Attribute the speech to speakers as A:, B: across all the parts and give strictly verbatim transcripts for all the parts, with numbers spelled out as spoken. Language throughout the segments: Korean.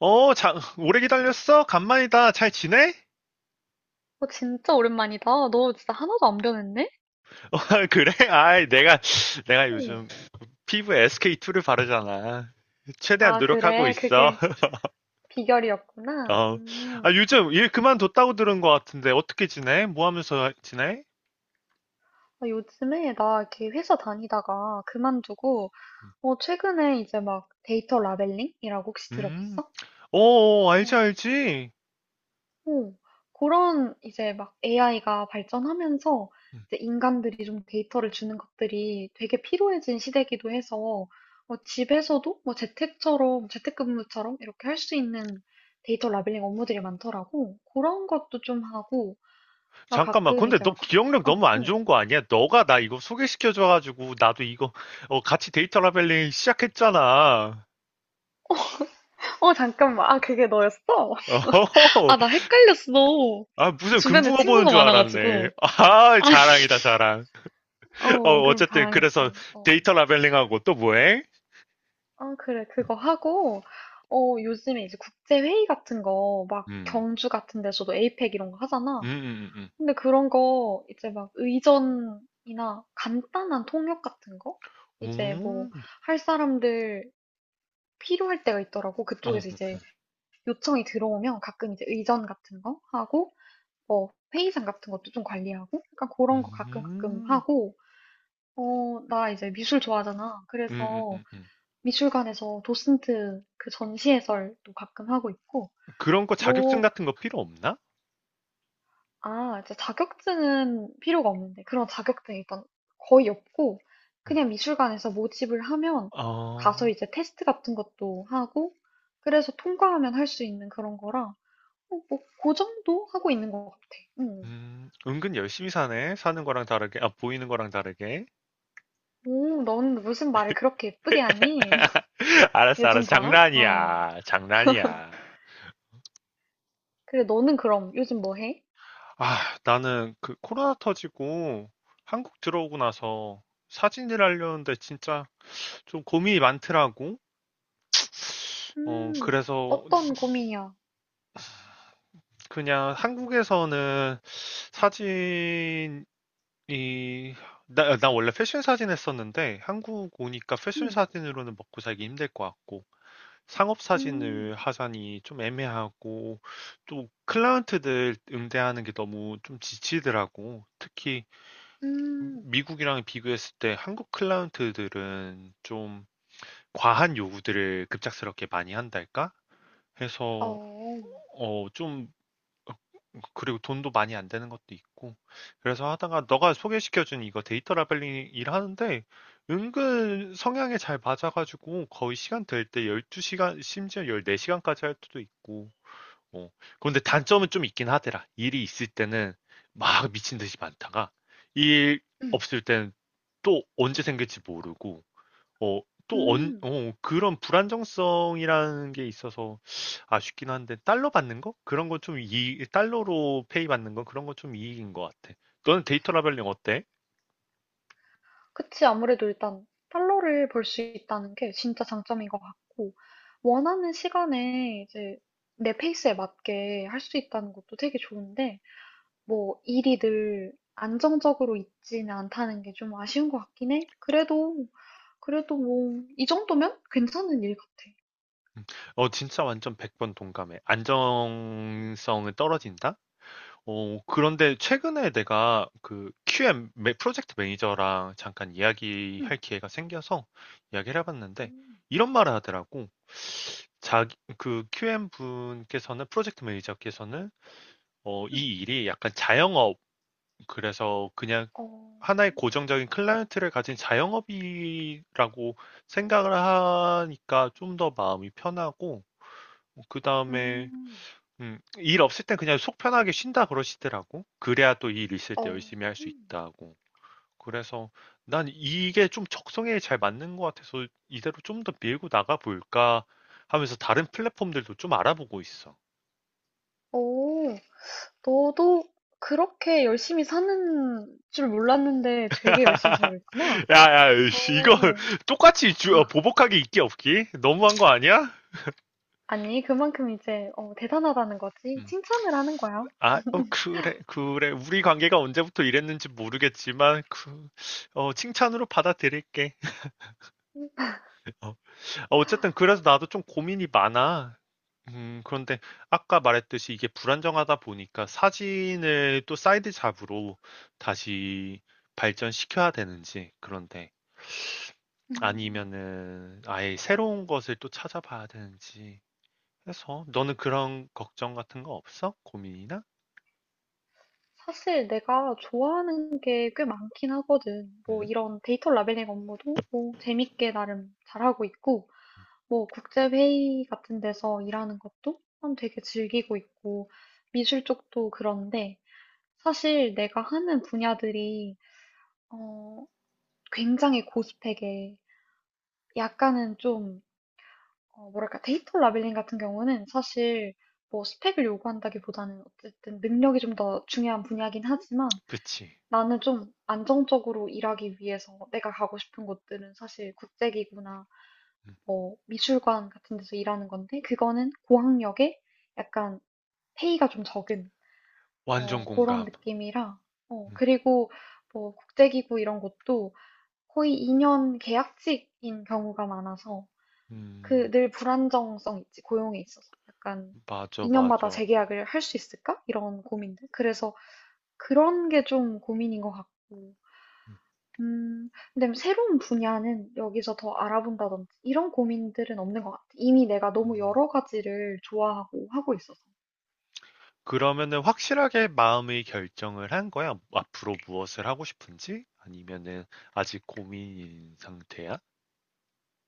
A: 어, 자, 오래 기다렸어? 간만이다. 잘 지내?
B: 어, 진짜 오랜만이다. 너 진짜 하나도 안 변했네?
A: 어, 그래? 아이, 내가, 내가
B: 응.
A: 요즘 피부에 에스케이투를 바르잖아. 최대한
B: 아,
A: 노력하고
B: 그래.
A: 있어.
B: 그게 비결이었구나.
A: 어, 아,
B: 음.
A: 요즘 일 그만뒀다고 들은 것 같은데, 어떻게 지내? 뭐 하면서 지내?
B: 아, 요즘에 나 이렇게 회사 다니다가 그만두고, 어, 최근에 이제 막 데이터 라벨링이라고 혹시
A: 음,
B: 들어봤어?
A: 어, 어, 알지, 알지.
B: 오, 그런 이제 막 에이아이가 발전하면서 이제 인간들이 좀 데이터를 주는 것들이 되게 필요해진 시대이기도 해서 뭐 집에서도 뭐 재택처럼, 재택근무처럼 이렇게 할 수 있는 데이터 라벨링 업무들이 많더라고. 그런 것도 좀 하고, 나
A: 잠깐만,
B: 가끔
A: 근데
B: 이제
A: 너
B: 막, 국-
A: 기억력
B: 어,
A: 너무 안
B: 어.
A: 좋은 거 아니야? 너가 나 이거 소개시켜줘가지고, 나도 이거, 어, 같이 데이터 라벨링 시작했잖아.
B: 어, 잠깐만. 아, 그게 너였어?
A: 어,
B: 아, 나 헷갈렸어.
A: 아, 무슨
B: 주변에
A: 금붕어 보는
B: 친구가
A: 줄 알았네.
B: 많아가지고.
A: 아, 자랑이다, 자랑. 어,
B: 어, 그럼
A: 어쨌든, 그래서
B: 바랑이지. 어.
A: 데이터 라벨링하고 또 뭐해?
B: 아, 그래. 그거 하고, 어, 요즘에 이제 국제회의 같은 거, 막
A: 음,
B: 경주 같은 데서도 에이펙 이런 거 하잖아.
A: 음, 음,
B: 근데 그런 거, 이제 막 의전이나 간단한 통역 같은 거? 이제 뭐,
A: 음, 음.
B: 할 사람들 필요할 때가 있더라고.
A: 오, 어,
B: 그쪽에서
A: 어,
B: 이제
A: 어.
B: 요청이 들어오면 가끔 이제 의전 같은 거 하고, 뭐, 회의장 같은 것도 좀 관리하고, 약간
A: 음,
B: 그런 거 가끔 가끔
A: 음,
B: 하고, 어, 나 이제 미술 좋아하잖아.
A: 음,
B: 그래서
A: 음, 음.
B: 미술관에서 도슨트 그 전시 해설도 가끔 하고 있고,
A: 그런 거 자격증
B: 뭐,
A: 같은 거 필요 없나?
B: 아, 이제 자격증은 필요가 없는데, 그런 자격증이 일단 거의 없고,
A: 음.
B: 그냥 미술관에서 모집을 하면 가서
A: 어,
B: 이제 테스트 같은 것도 하고, 그래서 통과하면 할 수 있는 그런 거라, 어, 뭐, 그 정도 하고 있는 것 같아. 응.
A: 음, 은근 열심히 사네. 사는 거랑 다르게, 아, 보이는 거랑 다르게.
B: 오, 넌 무슨 말을 그렇게 예쁘게 하니? 얘
A: 알았어,
B: 좀
A: 알았어.
B: 봐라? 아유.
A: 장난이야. 장난이야.
B: 그래, 너는 그럼 요즘 뭐 해?
A: 아, 나는 그 코로나 터지고 한국 들어오고 나서 사진을 하려는데 진짜 좀 고민이 많더라고. 어,
B: 음,
A: 그래서
B: 어떤 고민이야?
A: 그냥 한국에서는 사진이, 나, 나 원래 패션 사진 했었는데 한국 오니까 패션
B: 음,
A: 사진으로는 먹고 살기 힘들 것 같고 상업
B: 음.
A: 사진을 하자니 좀 애매하고 또 클라이언트들 응대하는 게 너무 좀 지치더라고. 특히
B: 음,
A: 미국이랑 비교했을 때 한국 클라이언트들은 좀 과한 요구들을 급작스럽게 많이 한달까? 해서
B: 어,
A: 어 좀 그리고 돈도 많이 안 되는 것도 있고 그래서 하다가 너가 소개시켜준 이거 데이터 라벨링 일하는데 은근 성향에 잘 맞아가지고 거의 시간 될 때 열두 시간 심지어 열네 시간까지 할 때도 있고 어. 그런데 단점은 좀 있긴 하더라. 일이 있을 때는 막 미친 듯이 많다가 일
B: 음,
A: 없을 때는 또 언제 생길지 모르고 어, 또 언,
B: 음.
A: 어, 그런 불안정성이라는 게 있어서 아쉽긴 한데 달러 받는 거? 그런 건 좀 이, 달러로 페이 받는 건 그런 건 좀 이익인 것 같아. 너는 데이터 라벨링 어때?
B: 그치. 아무래도 일단 달러를 벌 수 있다는 게 진짜 장점인 것 같고, 원하는 시간에 이제 내 페이스에 맞게 할 수 있다는 것도 되게 좋은데, 뭐 일이 늘 안정적으로 있지는 않다는 게 좀 아쉬운 것 같긴 해. 그래도, 그래도 뭐, 이 정도면 괜찮은 일 같아.
A: 음. 어, 진짜 완전 백 번 동감해. 안정성은 떨어진다? 어, 그런데 최근에 내가 그 큐엠 매- 프로젝트 매니저랑 잠깐 이야기할
B: 음,
A: 기회가 생겨서 이야기를 해봤는데
B: 음,
A: 이런 말을 하더라고. 자기 그 큐엠 분께서는 프로젝트 매니저께서는 어,
B: 음,
A: 이 일이 약간 자영업 그래서 그냥
B: 어,
A: 하나의 고정적인 클라이언트를 가진 자영업이라고 생각을 하니까 좀 더 마음이 편하고 그 다음에
B: 음,
A: 음, 일 없을 땐 그냥 속 편하게 쉰다 그러시더라고. 그래야 또 일 있을 때
B: 어,
A: 열심히 할 수
B: 음,
A: 있다고. 그래서 난 이게 좀 적성에 잘 맞는 것 같아서 이대로 좀 더 밀고 나가 볼까 하면서 다른 플랫폼들도 좀 알아보고 있어.
B: 오. 너도 그렇게 열심히 사는 줄 몰랐는데 되게 열심히 살고 있구나.
A: 야, 야, 씨, 이거
B: 어,
A: 똑같이 주- 어, 보복하기 있기 없기? 너무한 거 아니야?
B: 아니, 그만큼 이제 어, 대단하다는 거지.
A: 음.
B: 칭찬을 하는 거야.
A: 아, 어, 그래, 그래. 우리 관계가 언제부터 이랬는지 모르겠지만, 그, 어, 칭찬으로 받아들일게. 어, 어쨌든 그래서 나도 좀 고민이 많아. 음, 그런데 아까 말했듯이 이게 불안정하다 보니까 사진을 또 사이드 잡으로 다시 발전시켜야 되는지, 그런데
B: 음,
A: 아니면은 아예 새로운 것을 또 찾아봐야 되는지 해서 너는 그런 걱정 같은 거 없어? 고민이나?
B: 사실 내가 좋아하는 게 꽤 많긴 하거든. 뭐
A: 음,
B: 이런 데이터 라벨링 업무도 뭐 재밌게 나름 잘하고 있고, 뭐 국제회의 같은 데서 일하는 것도 참 되게 즐기고 있고, 미술 쪽도 그런데 사실 내가 하는 분야들이 어, 굉장히 고스펙에 약간은 좀 어, 뭐랄까 데이터 라벨링 같은 경우는 사실 뭐 스펙을 요구한다기보다는 어쨌든 능력이 좀 더 중요한 분야긴 하지만
A: 그치.
B: 나는 좀 안정적으로 일하기 위해서 내가 가고 싶은 곳들은 사실 국제기구나
A: 음,
B: 뭐 미술관 같은 데서 일하는 건데 그거는 고학력에 약간 페이가 좀 적은
A: 완전
B: 어, 그런
A: 공감.
B: 느낌이라 어,
A: 음,
B: 그리고 뭐 국제기구 이런 것도 거의 이 년 계약직인 경우가 많아서 그
A: 음,
B: 늘 불안정성 있지, 고용에 있어서. 약간
A: 맞아,
B: 이 년마다
A: 맞아.
B: 재계약을 할 수 있을까? 이런 고민들. 그래서 그런 게 좀 고민인 것 같고. 음, 근데 새로운 분야는 여기서 더 알아본다든지 이런 고민들은 없는 것 같아. 이미 내가 너무
A: 음.
B: 여러 가지를 좋아하고 하고 있어서.
A: 그러면은 확실하게 마음의 결정을 한 거야? 앞으로 무엇을 하고 싶은지? 아니면은 아직 고민인 상태야?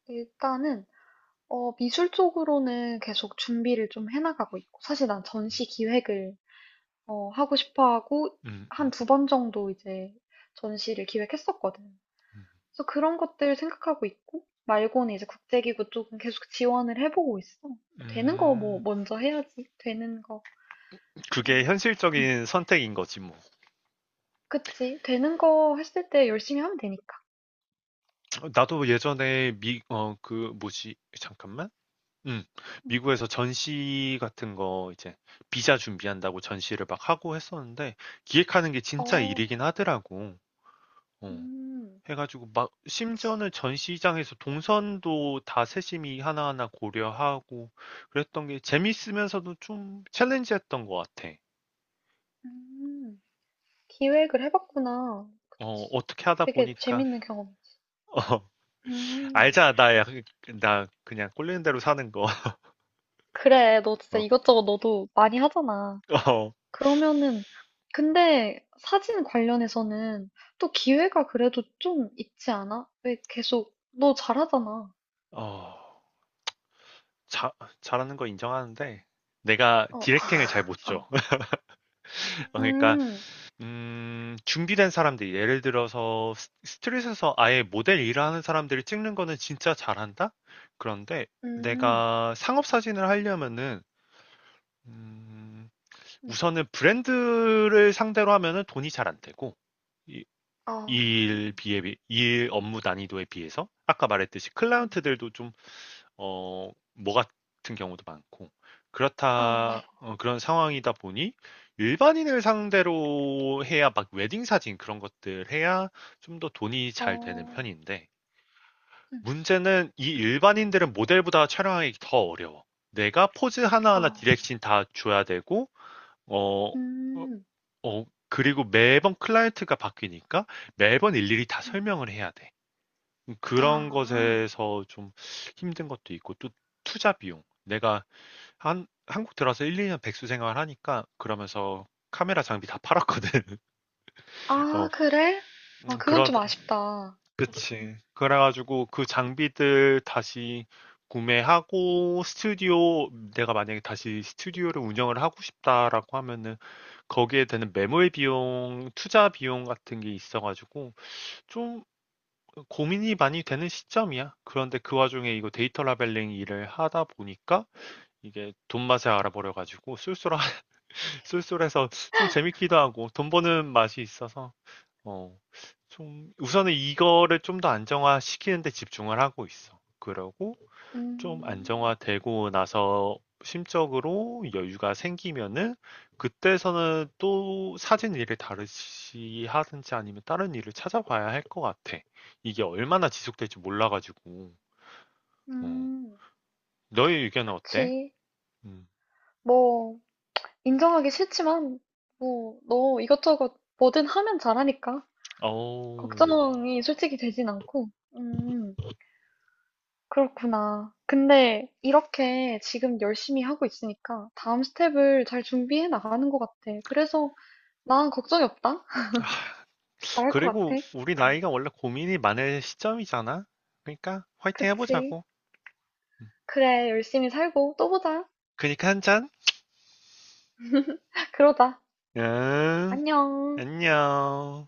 B: 일단은 어, 미술 쪽으로는 계속 준비를 좀 해나가고 있고, 사실 난 전시 기획을 어, 하고 싶어 하고
A: 음,
B: 한
A: 음,
B: 두 번 정도 이제 전시를 기획했었거든.
A: 음.
B: 그래서 그런 것들 생각하고 있고, 말고는 이제 국제기구 쪽은 계속 지원을 해보고 있어. 되는 거 뭐
A: 음,
B: 먼저 해야지. 되는 거.
A: 그게
B: 음.
A: 현실적인 선택인 거지, 뭐.
B: 그치. 되는 거 했을 때 열심히 하면 되니까.
A: 나도 예전에 미, 어, 그, 뭐지, 잠깐만. 음,
B: 음.
A: 미국에서 전시 같은 거 이제 비자 준비한다고 전시를 막 하고 했었는데 기획하는 게 진짜
B: 어,
A: 일이긴 하더라고. 어.
B: 음,
A: 해가지고 막
B: 그치.
A: 심지어는 전시장에서 동선도 다 세심히 하나하나 고려하고 그랬던 게 재밌으면서도 좀 챌린지했던 것 같아.
B: 음, 기획을 해봤구나.
A: 어,
B: 그치.
A: 어떻게 하다
B: 되게
A: 보니까
B: 재밌는 경험이지.
A: 어,
B: 음,
A: 알잖아 나, 약- 나 그냥 꼴리는 대로 사는 거.
B: 그래. 너 진짜
A: 어,
B: 이것저것 너도 많이 하잖아.
A: 어,
B: 그러면은 근데 사진 관련해서는 또 기회가 그래도 좀 있지 않아? 왜 계속 너 잘하잖아.
A: 어, 자, 잘하는 거 인정하는데 내가
B: 어,
A: 디렉팅을 잘 못
B: 어.
A: 줘. 그러니까
B: 음,
A: 음 준비된 사람들이 예를 들어서 스 스트릿에서 아예 모델 일을 하는 사람들이 찍는 거는 진짜 잘한다? 그런데
B: 음,
A: 내가 상업 사진을 하려면은 음
B: 음.
A: 우선은 브랜드를 상대로 하면은 돈이 잘 안 되고 이
B: 어,
A: 일 비에 비 일 업무 난이도에 비해서 아까 말했듯이
B: 음.
A: 클라이언트들도 좀 어, 뭐 같은 경우도 많고.
B: 어,
A: 그렇다, 어, 그런 상황이다 보니 일반인을 상대로 해야 막 웨딩 사진 그런 것들 해야 좀 더 돈이 잘 되는
B: 어,
A: 편인데
B: 음,
A: 문제는 이 일반인들은 모델보다 촬영하기 더 어려워. 내가 포즈
B: 어,
A: 하나하나 디렉션 다 줘야 되고, 어, 어,
B: 음,
A: 어, 그리고 매번 클라이언트가 바뀌니까 매번 일일이 다
B: 음.
A: 설명을 해야 돼. 그런
B: 아,
A: 것에서 좀 힘든 것도 있고, 또 투자 비용. 내가 한 한국 들어와서 일이 년 백수 생활 하니까 그러면서 카메라 장비 다 팔았거든. 어
B: 아, 그래? 아,
A: 음
B: 그건 좀
A: 그러다
B: 아쉽다.
A: 그치. 그래 가지고 그 장비들 다시 구매하고 스튜디오 내가 만약에 다시 스튜디오를 운영을 하고 싶다라고 하면은 거기에 드는 매몰 비용, 투자 비용 같은 게 있어 가지고 좀 고민이 많이 되는 시점이야. 그런데 그 와중에 이거 데이터 라벨링 일을 하다 보니까 이게 돈맛에 알아버려 가지고 쏠쏠한 쏠쏠해서 좀 재밌기도 하고 돈 버는 맛이 있어서 어, 좀 우선은 이거를 좀 더 안정화시키는 데 집중을 하고 있어. 그러고 좀
B: 음,
A: 안정화되고 나서 심적으로 여유가 생기면은 그때서는 또 사진 일을 다르시 하든지 아니면 다른 일을 찾아봐야 할 것 같아. 이게 얼마나 지속될지 몰라가지고. 어.
B: 음,
A: 너의 의견은 어때?
B: 그치.
A: 음.
B: 뭐, 인정하기 싫지만, 뭐, 너 이것저것 뭐든 하면 잘하니까.
A: 어
B: 걱정이 솔직히 되진 않고. 음, 그렇구나. 근데 이렇게 지금 열심히 하고 있으니까 다음 스텝을 잘 준비해 나가는 것 같아. 그래서 난 걱정이 없다. 잘할 것
A: 그리고
B: 같아.
A: 우리
B: 음,
A: 나이가 원래 고민이 많을 시점이잖아. 그러니까 화이팅
B: 그치.
A: 해보자고.
B: 그래, 열심히 살고 또 보자.
A: 그니까 한 잔.
B: 그러자.
A: 응,
B: 안녕.
A: 안녕.